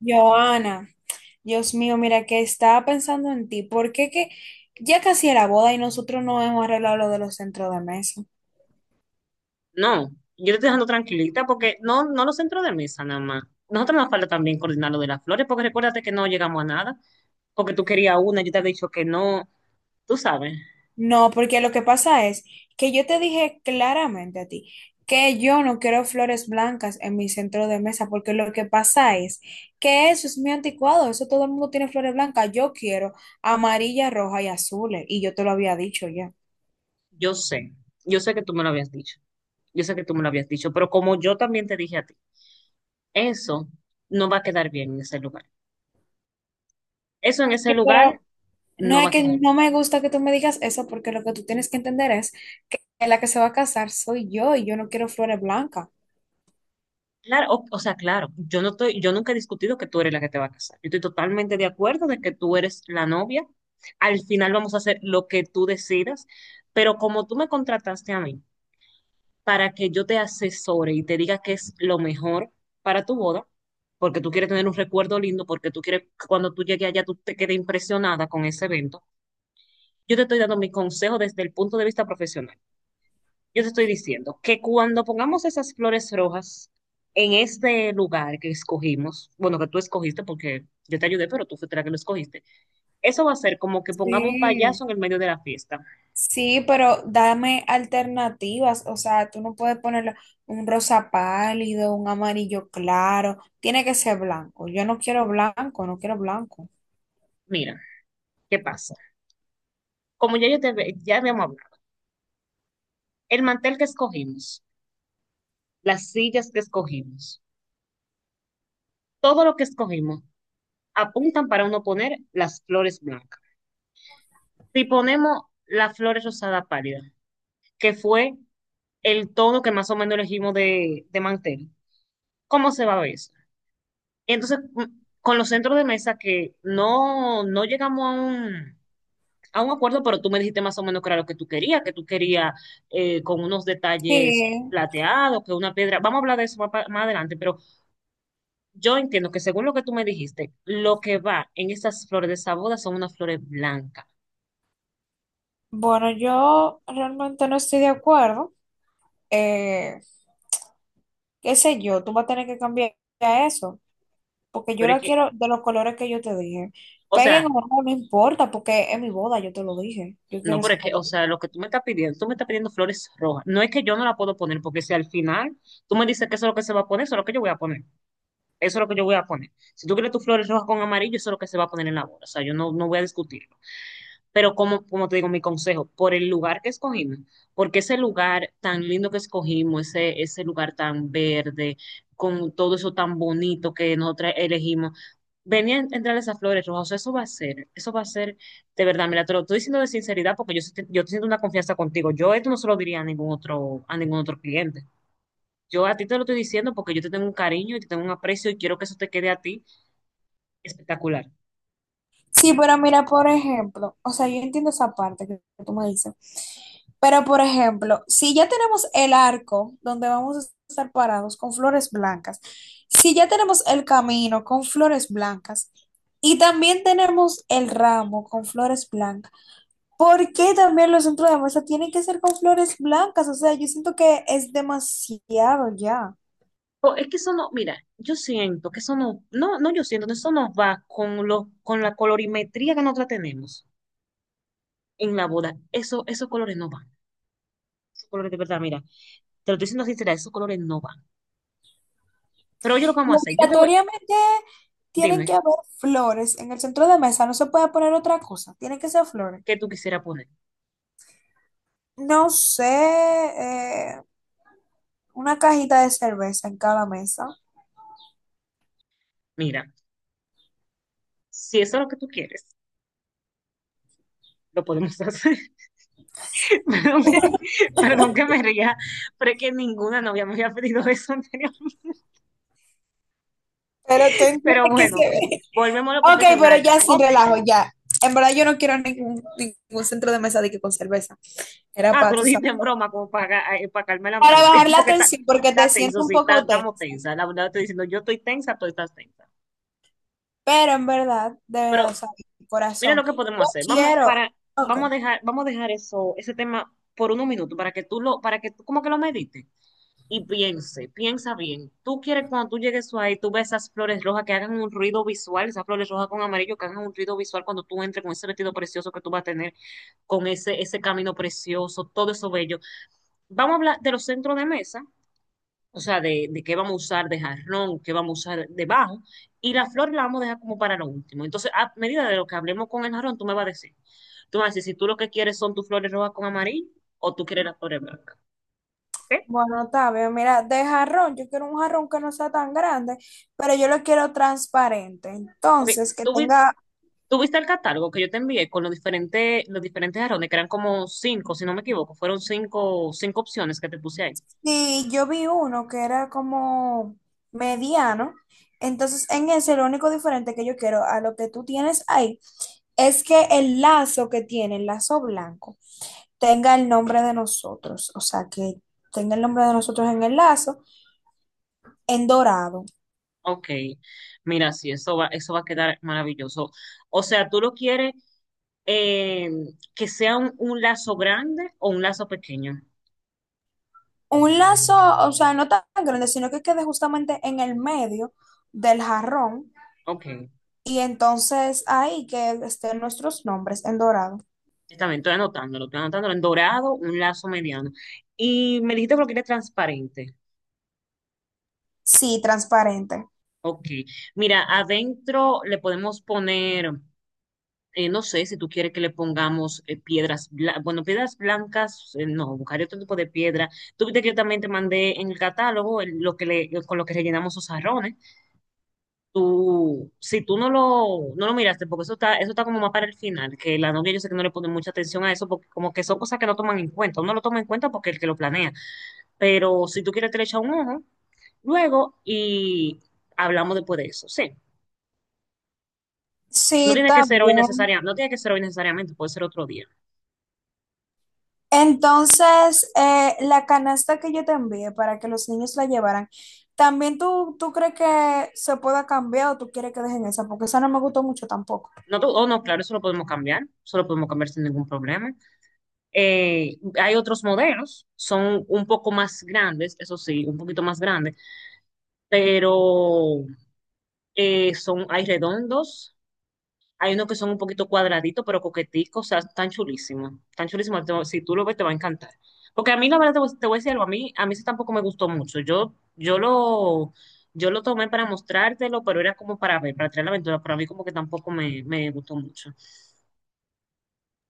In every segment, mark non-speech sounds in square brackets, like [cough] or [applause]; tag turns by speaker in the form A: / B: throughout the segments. A: Joana, Dios mío, mira que estaba pensando en ti, porque que ya casi era boda y nosotros no hemos arreglado lo de los centros de mesa.
B: No, yo te estoy dejando tranquilita porque no los centros de mesa nada más. Nosotros nos falta también coordinar lo de las flores, porque recuérdate que no llegamos a nada, porque tú querías una, yo te había dicho que no. Tú sabes,
A: No, porque lo que pasa es que yo te dije claramente a ti que yo no quiero flores blancas en mi centro de mesa, porque lo que pasa es que eso es muy anticuado, eso todo el mundo tiene flores blancas, yo quiero amarilla, roja y azules, y yo te lo había dicho ya.
B: yo sé, yo sé que tú me lo habías dicho, yo sé que tú me lo habías dicho, pero como yo también te dije a ti, eso no va a quedar bien en ese lugar. Eso en ese
A: Sí,
B: lugar
A: pero no,
B: no
A: es
B: va a
A: que
B: quedar
A: no
B: bien.
A: me gusta que tú me digas eso porque lo que tú tienes que entender es que la que se va a casar soy yo y yo no quiero flores blancas.
B: Claro, o sea, claro, yo no estoy, yo nunca he discutido que tú eres la que te va a casar. Yo estoy totalmente de acuerdo de que tú eres la novia. Al final vamos a hacer lo que tú decidas, pero como tú me contrataste a mí para que yo te asesore y te diga qué es lo mejor para tu boda, porque tú quieres tener un recuerdo lindo, porque tú quieres que cuando tú llegues allá tú te quedes impresionada con ese evento, yo te estoy dando mi consejo desde el punto de vista profesional. Yo te estoy diciendo que cuando pongamos esas flores rojas en este lugar que escogimos, bueno, que tú escogiste porque yo te ayudé, pero tú fuiste la que lo escogiste, eso va a ser como que pongamos un
A: Sí,
B: payaso en el medio de la fiesta.
A: sí, pero dame alternativas, o sea, tú no puedes ponerle un rosa pálido, un amarillo claro, tiene que ser blanco. Yo no quiero blanco, no quiero blanco.
B: Mira, ¿qué pasa? Como ya, ya habíamos hablado, el mantel que escogimos, las sillas que escogimos, todo lo que escogimos apuntan para uno poner las flores blancas. Si ponemos las flores rosada pálida, que fue el tono que más o menos elegimos de mantel, cómo se va a ver eso. Entonces, con los centros de mesa que no llegamos a a un acuerdo, pero tú me dijiste más o menos que era lo que tú querías con unos detalles
A: Sí,
B: plateados, que una piedra. Vamos a hablar de eso más, más adelante, pero yo entiendo que según lo que tú me dijiste, lo que va en esas flores de esa boda son unas flores blancas.
A: bueno, yo realmente no estoy de acuerdo. Eh, Qué sé yo, tú vas a tener que cambiar eso, porque yo
B: Pero es
A: la
B: que,
A: quiero de los colores que yo te dije.
B: o
A: Peguen
B: sea,
A: o no, no importa, porque es mi boda, yo te lo dije. Yo quiero
B: No, pero
A: ese
B: es que,
A: color.
B: o sea, lo que tú me estás pidiendo, tú me estás pidiendo flores rojas. No es que yo no la puedo poner, porque si al final tú me dices que eso es lo que se va a poner, eso es lo que yo voy a poner. Eso es lo que yo voy a poner. Si tú quieres tus flores rojas con amarillo, eso es lo que se va a poner en la boda. O sea, yo no, no voy a discutirlo. Pero como te digo, mi consejo, por el lugar que escogimos, porque ese lugar tan lindo que escogimos, ese lugar tan verde, con todo eso tan bonito que nosotros elegimos, venían a entrar esas flores rojas. O sea, eso va a ser, de verdad, mira, te lo estoy diciendo de sinceridad porque yo siento una confianza contigo. Yo esto no se lo diría a ningún otro cliente. Yo a ti te lo estoy diciendo porque yo te tengo un cariño y te tengo un aprecio y quiero que eso te quede a ti espectacular.
A: Sí, pero mira, por ejemplo, o sea, yo entiendo esa parte que tú me dices. Pero, por ejemplo, si ya tenemos el arco donde vamos a estar parados con flores blancas, si ya tenemos el camino con flores blancas y también tenemos el ramo con flores blancas, ¿por qué también los centros de mesa tienen que ser con flores blancas? O sea, yo siento que es demasiado ya.
B: O es que eso no, mira, yo siento que eso no, no, no, yo siento que eso nos va con lo con la colorimetría que nosotros tenemos en la boda. Eso, esos colores no van. Esos colores de verdad, mira, te lo estoy diciendo sincera, esos colores no van. Pero yo lo que
A: Y
B: vamos a hacer, yo te voy,
A: obligatoriamente tienen
B: dime,
A: que haber flores en el centro de mesa, no se puede poner otra cosa, tienen que ser flores.
B: ¿qué tú quisieras poner?
A: No sé, una cajita de cerveza en cada mesa.
B: Mira, si eso es lo que tú quieres, lo podemos hacer. [laughs] Perdón que, perdón que me ría, pero es que ninguna novia me había pedido eso anteriormente.
A: Pero tú entiendes
B: Pero
A: que
B: bueno,
A: se ve.
B: volvemos a lo
A: Ok, pero
B: profesional.
A: ya sin
B: Ok.
A: relajo, ya. En verdad yo no quiero ningún centro de mesa de que con cerveza. Era
B: Ah,
A: para,
B: tú lo
A: tú sabes.
B: dijiste en broma, como para calmar el
A: Para
B: ambiente,
A: bajar
B: [laughs]
A: la
B: porque
A: tensión, porque te
B: está tenso,
A: siento un
B: sí,
A: poco
B: estamos
A: tensa.
B: tensa. La verdad, estoy diciendo, yo estoy tensa, tú estás tensa.
A: Pero en verdad, de verdad,
B: Pero
A: o sea, mi
B: mira
A: corazón,
B: lo que podemos
A: yo
B: hacer.
A: quiero. Ok,
B: Vamos a dejar eso, ese tema por unos minutos para que para que tú como que lo medites y piensa bien. Tú quieres cuando tú llegues ahí, tú ves esas flores rojas que hagan un ruido visual, esas flores rojas con amarillo que hagan un ruido visual cuando tú entres con ese vestido precioso que tú vas a tener, con ese camino precioso, todo eso bello. Vamos a hablar de los centros de mesa, o sea, de qué vamos a usar de jarrón, qué vamos a usar de bajo, y la flor la vamos a dejar como para lo último. Entonces, a medida de lo que hablemos con el jarrón, tú me vas a decir si tú lo que quieres son tus flores rojas con amarillo o tú quieres las flores blancas, ¿ok?
A: bueno, está bien. Mira, de jarrón, yo quiero un jarrón que no sea tan grande, pero yo lo quiero transparente.
B: Ok,
A: Entonces, que
B: tú, vi-
A: tenga.
B: tú viste el catálogo que yo te envié con los diferentes jarrones, que eran como cinco, si no me equivoco, fueron cinco, cinco opciones que te puse ahí.
A: Y yo vi uno que era como mediano. Entonces, en ese, lo único diferente que yo quiero a lo que tú tienes ahí es que el lazo que tiene, el lazo blanco, tenga el nombre de nosotros, o sea, que tenga el nombre de nosotros en el lazo, en dorado.
B: Ok, mira, sí, eso va a quedar maravilloso. O sea, tú lo quieres eh, que sea un lazo grande o un lazo pequeño.
A: Un lazo, o sea, no tan grande, sino que quede justamente en el medio del jarrón
B: Ok, sí,
A: y entonces ahí que estén nuestros nombres en dorado.
B: está bien, estoy anotándolo en dorado, un lazo mediano. Y me dijiste que lo quieres transparente.
A: Sí, transparente.
B: Ok, mira, adentro le podemos poner, no sé si tú quieres que le pongamos piedras, bueno, piedras blancas, no, buscaré otro tipo de piedra. Tú viste que yo también te mandé en el catálogo lo que le, con lo que rellenamos los jarrones. Tú, si tú no lo miraste, porque eso está como más para el final, que la novia yo sé que no le pone mucha atención a eso, porque como que son cosas que no toman en cuenta, uno lo toma en cuenta porque es el que lo planea, pero si tú quieres te le echa un ojo, luego y hablamos después de eso, sí. No
A: Sí,
B: tiene que ser hoy
A: también.
B: necesariamente, no tiene que ser hoy necesariamente, puede ser otro día.
A: Entonces, la canasta que yo te envié para que los niños la llevaran, ¿también tú crees que se pueda cambiar o tú quieres que dejen esa? Porque esa no me gustó mucho tampoco.
B: No, oh, no, claro, eso lo podemos cambiar, eso lo podemos cambiar sin ningún problema. Hay otros modelos, son un poco más grandes, eso sí, un poquito más grandes, pero eh, hay redondos, hay unos que son un poquito cuadraditos, pero coqueticos, o sea, están chulísimos, si tú lo ves te va a encantar. Porque a mí, la verdad, te voy a decir algo, a mí ese tampoco me gustó mucho, yo lo tomé para mostrártelo, pero era como para ver, para traer la aventura, pero a mí como que tampoco me gustó mucho.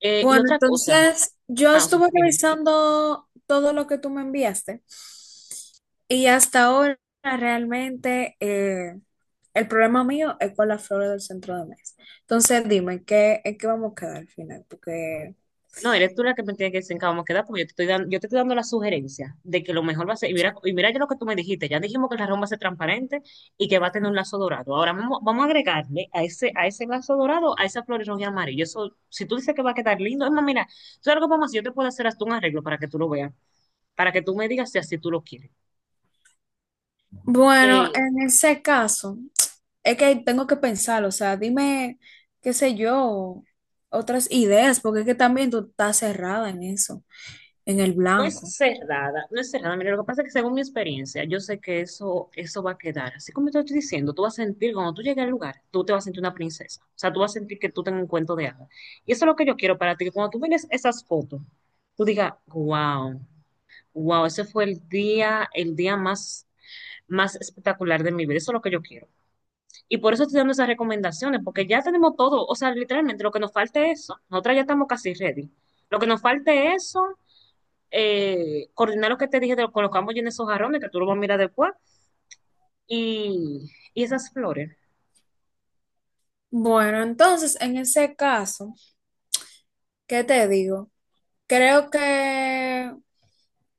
B: Y
A: Bueno,
B: otra cosa,
A: entonces yo
B: ah, sí,
A: estuve
B: dime.
A: revisando todo lo que tú me enviaste y hasta ahora realmente, el problema mío es con las flores del centro de mesa. Entonces dime, ¿qué, en qué vamos a quedar al final? Porque,
B: No, eres tú la que me tiene que decir en qué vamos a quedar, porque yo te estoy dando la sugerencia de que lo mejor va a ser, y mira ya lo que tú me dijiste, ya dijimos que el jarrón va a ser transparente y que va a tener un lazo dorado. Ahora vamos, vamos a agregarle a a ese lazo dorado, a esa flor roja y amarillo. Eso, si tú dices que va a quedar lindo, es más, mira, tú sabes lo que vamos a hacer, yo te puedo hacer hasta un arreglo para que tú lo veas, para que tú me digas si así tú lo quieres.
A: bueno,
B: Eh,
A: en ese caso es que tengo que pensar, o sea, dime, qué sé yo, otras ideas, porque es que también tú estás cerrada en eso, en el
B: No
A: blanco.
B: es cerrada, no es cerrada. Mira, lo que pasa es que según mi experiencia, yo sé que eso va a quedar. Así como te estoy diciendo, tú vas a sentir, cuando tú llegues al lugar, tú te vas a sentir una princesa. O sea, tú vas a sentir que tú tengas un cuento de hadas. Y eso es lo que yo quiero para ti, que cuando tú mires esas fotos, tú digas, wow, wow, ese fue el día, más espectacular de mi vida. Eso es lo que yo quiero. Y por eso estoy dando esas recomendaciones, porque ya tenemos todo. O sea, literalmente lo que nos falta es eso. Nosotras ya estamos casi ready. Lo que nos falta es eso, coordinar lo que te dije de con los que en esos jarrones, que tú lo vas a mirar después, y esas flores.
A: Bueno, entonces en ese caso... ¿Qué te digo? Creo que,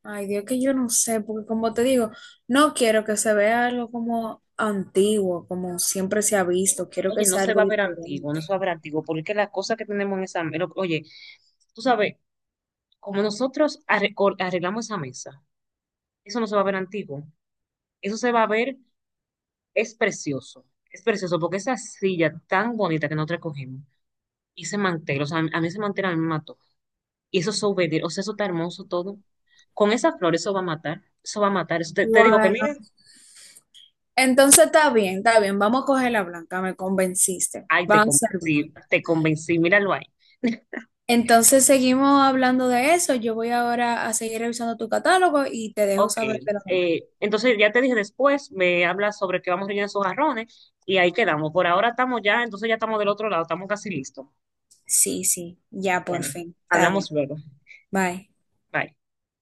A: ay Dios, que yo no sé, porque como te digo, no quiero que se vea algo como antiguo, como siempre se ha visto, quiero
B: Oye,
A: que
B: no
A: sea
B: se va
A: algo
B: a ver antiguo, no
A: diferente.
B: se va a ver antiguo, porque es que las cosas que tenemos en esa mesa, oye, tú sabes, como nosotros arreglamos esa mesa, eso no se va a ver antiguo, eso se va a ver, es precioso, es precioso, porque esa silla tan bonita que nosotros cogimos, y ese mantel, o sea, a mí ese mantel a mí me mató, y eso es o sea, eso está hermoso todo, con esas flores eso va a matar, eso va a matar, te digo que
A: Bueno,
B: mira,
A: entonces está bien, vamos a coger la blanca, me convenciste,
B: ay,
A: vamos a ser blanca.
B: te convencí, míralo ahí.
A: Entonces seguimos hablando de eso, yo voy ahora a seguir revisando tu catálogo y te dejo
B: Ok,
A: saber de lo demás.
B: entonces ya te dije después, me hablas sobre qué vamos a rellenar esos jarrones y ahí quedamos. Por ahora estamos ya, entonces ya estamos del otro lado, estamos casi listos.
A: Sí, sí, ya por
B: Bueno,
A: fin, está
B: hablamos
A: bien,
B: luego.
A: bye.
B: Bye.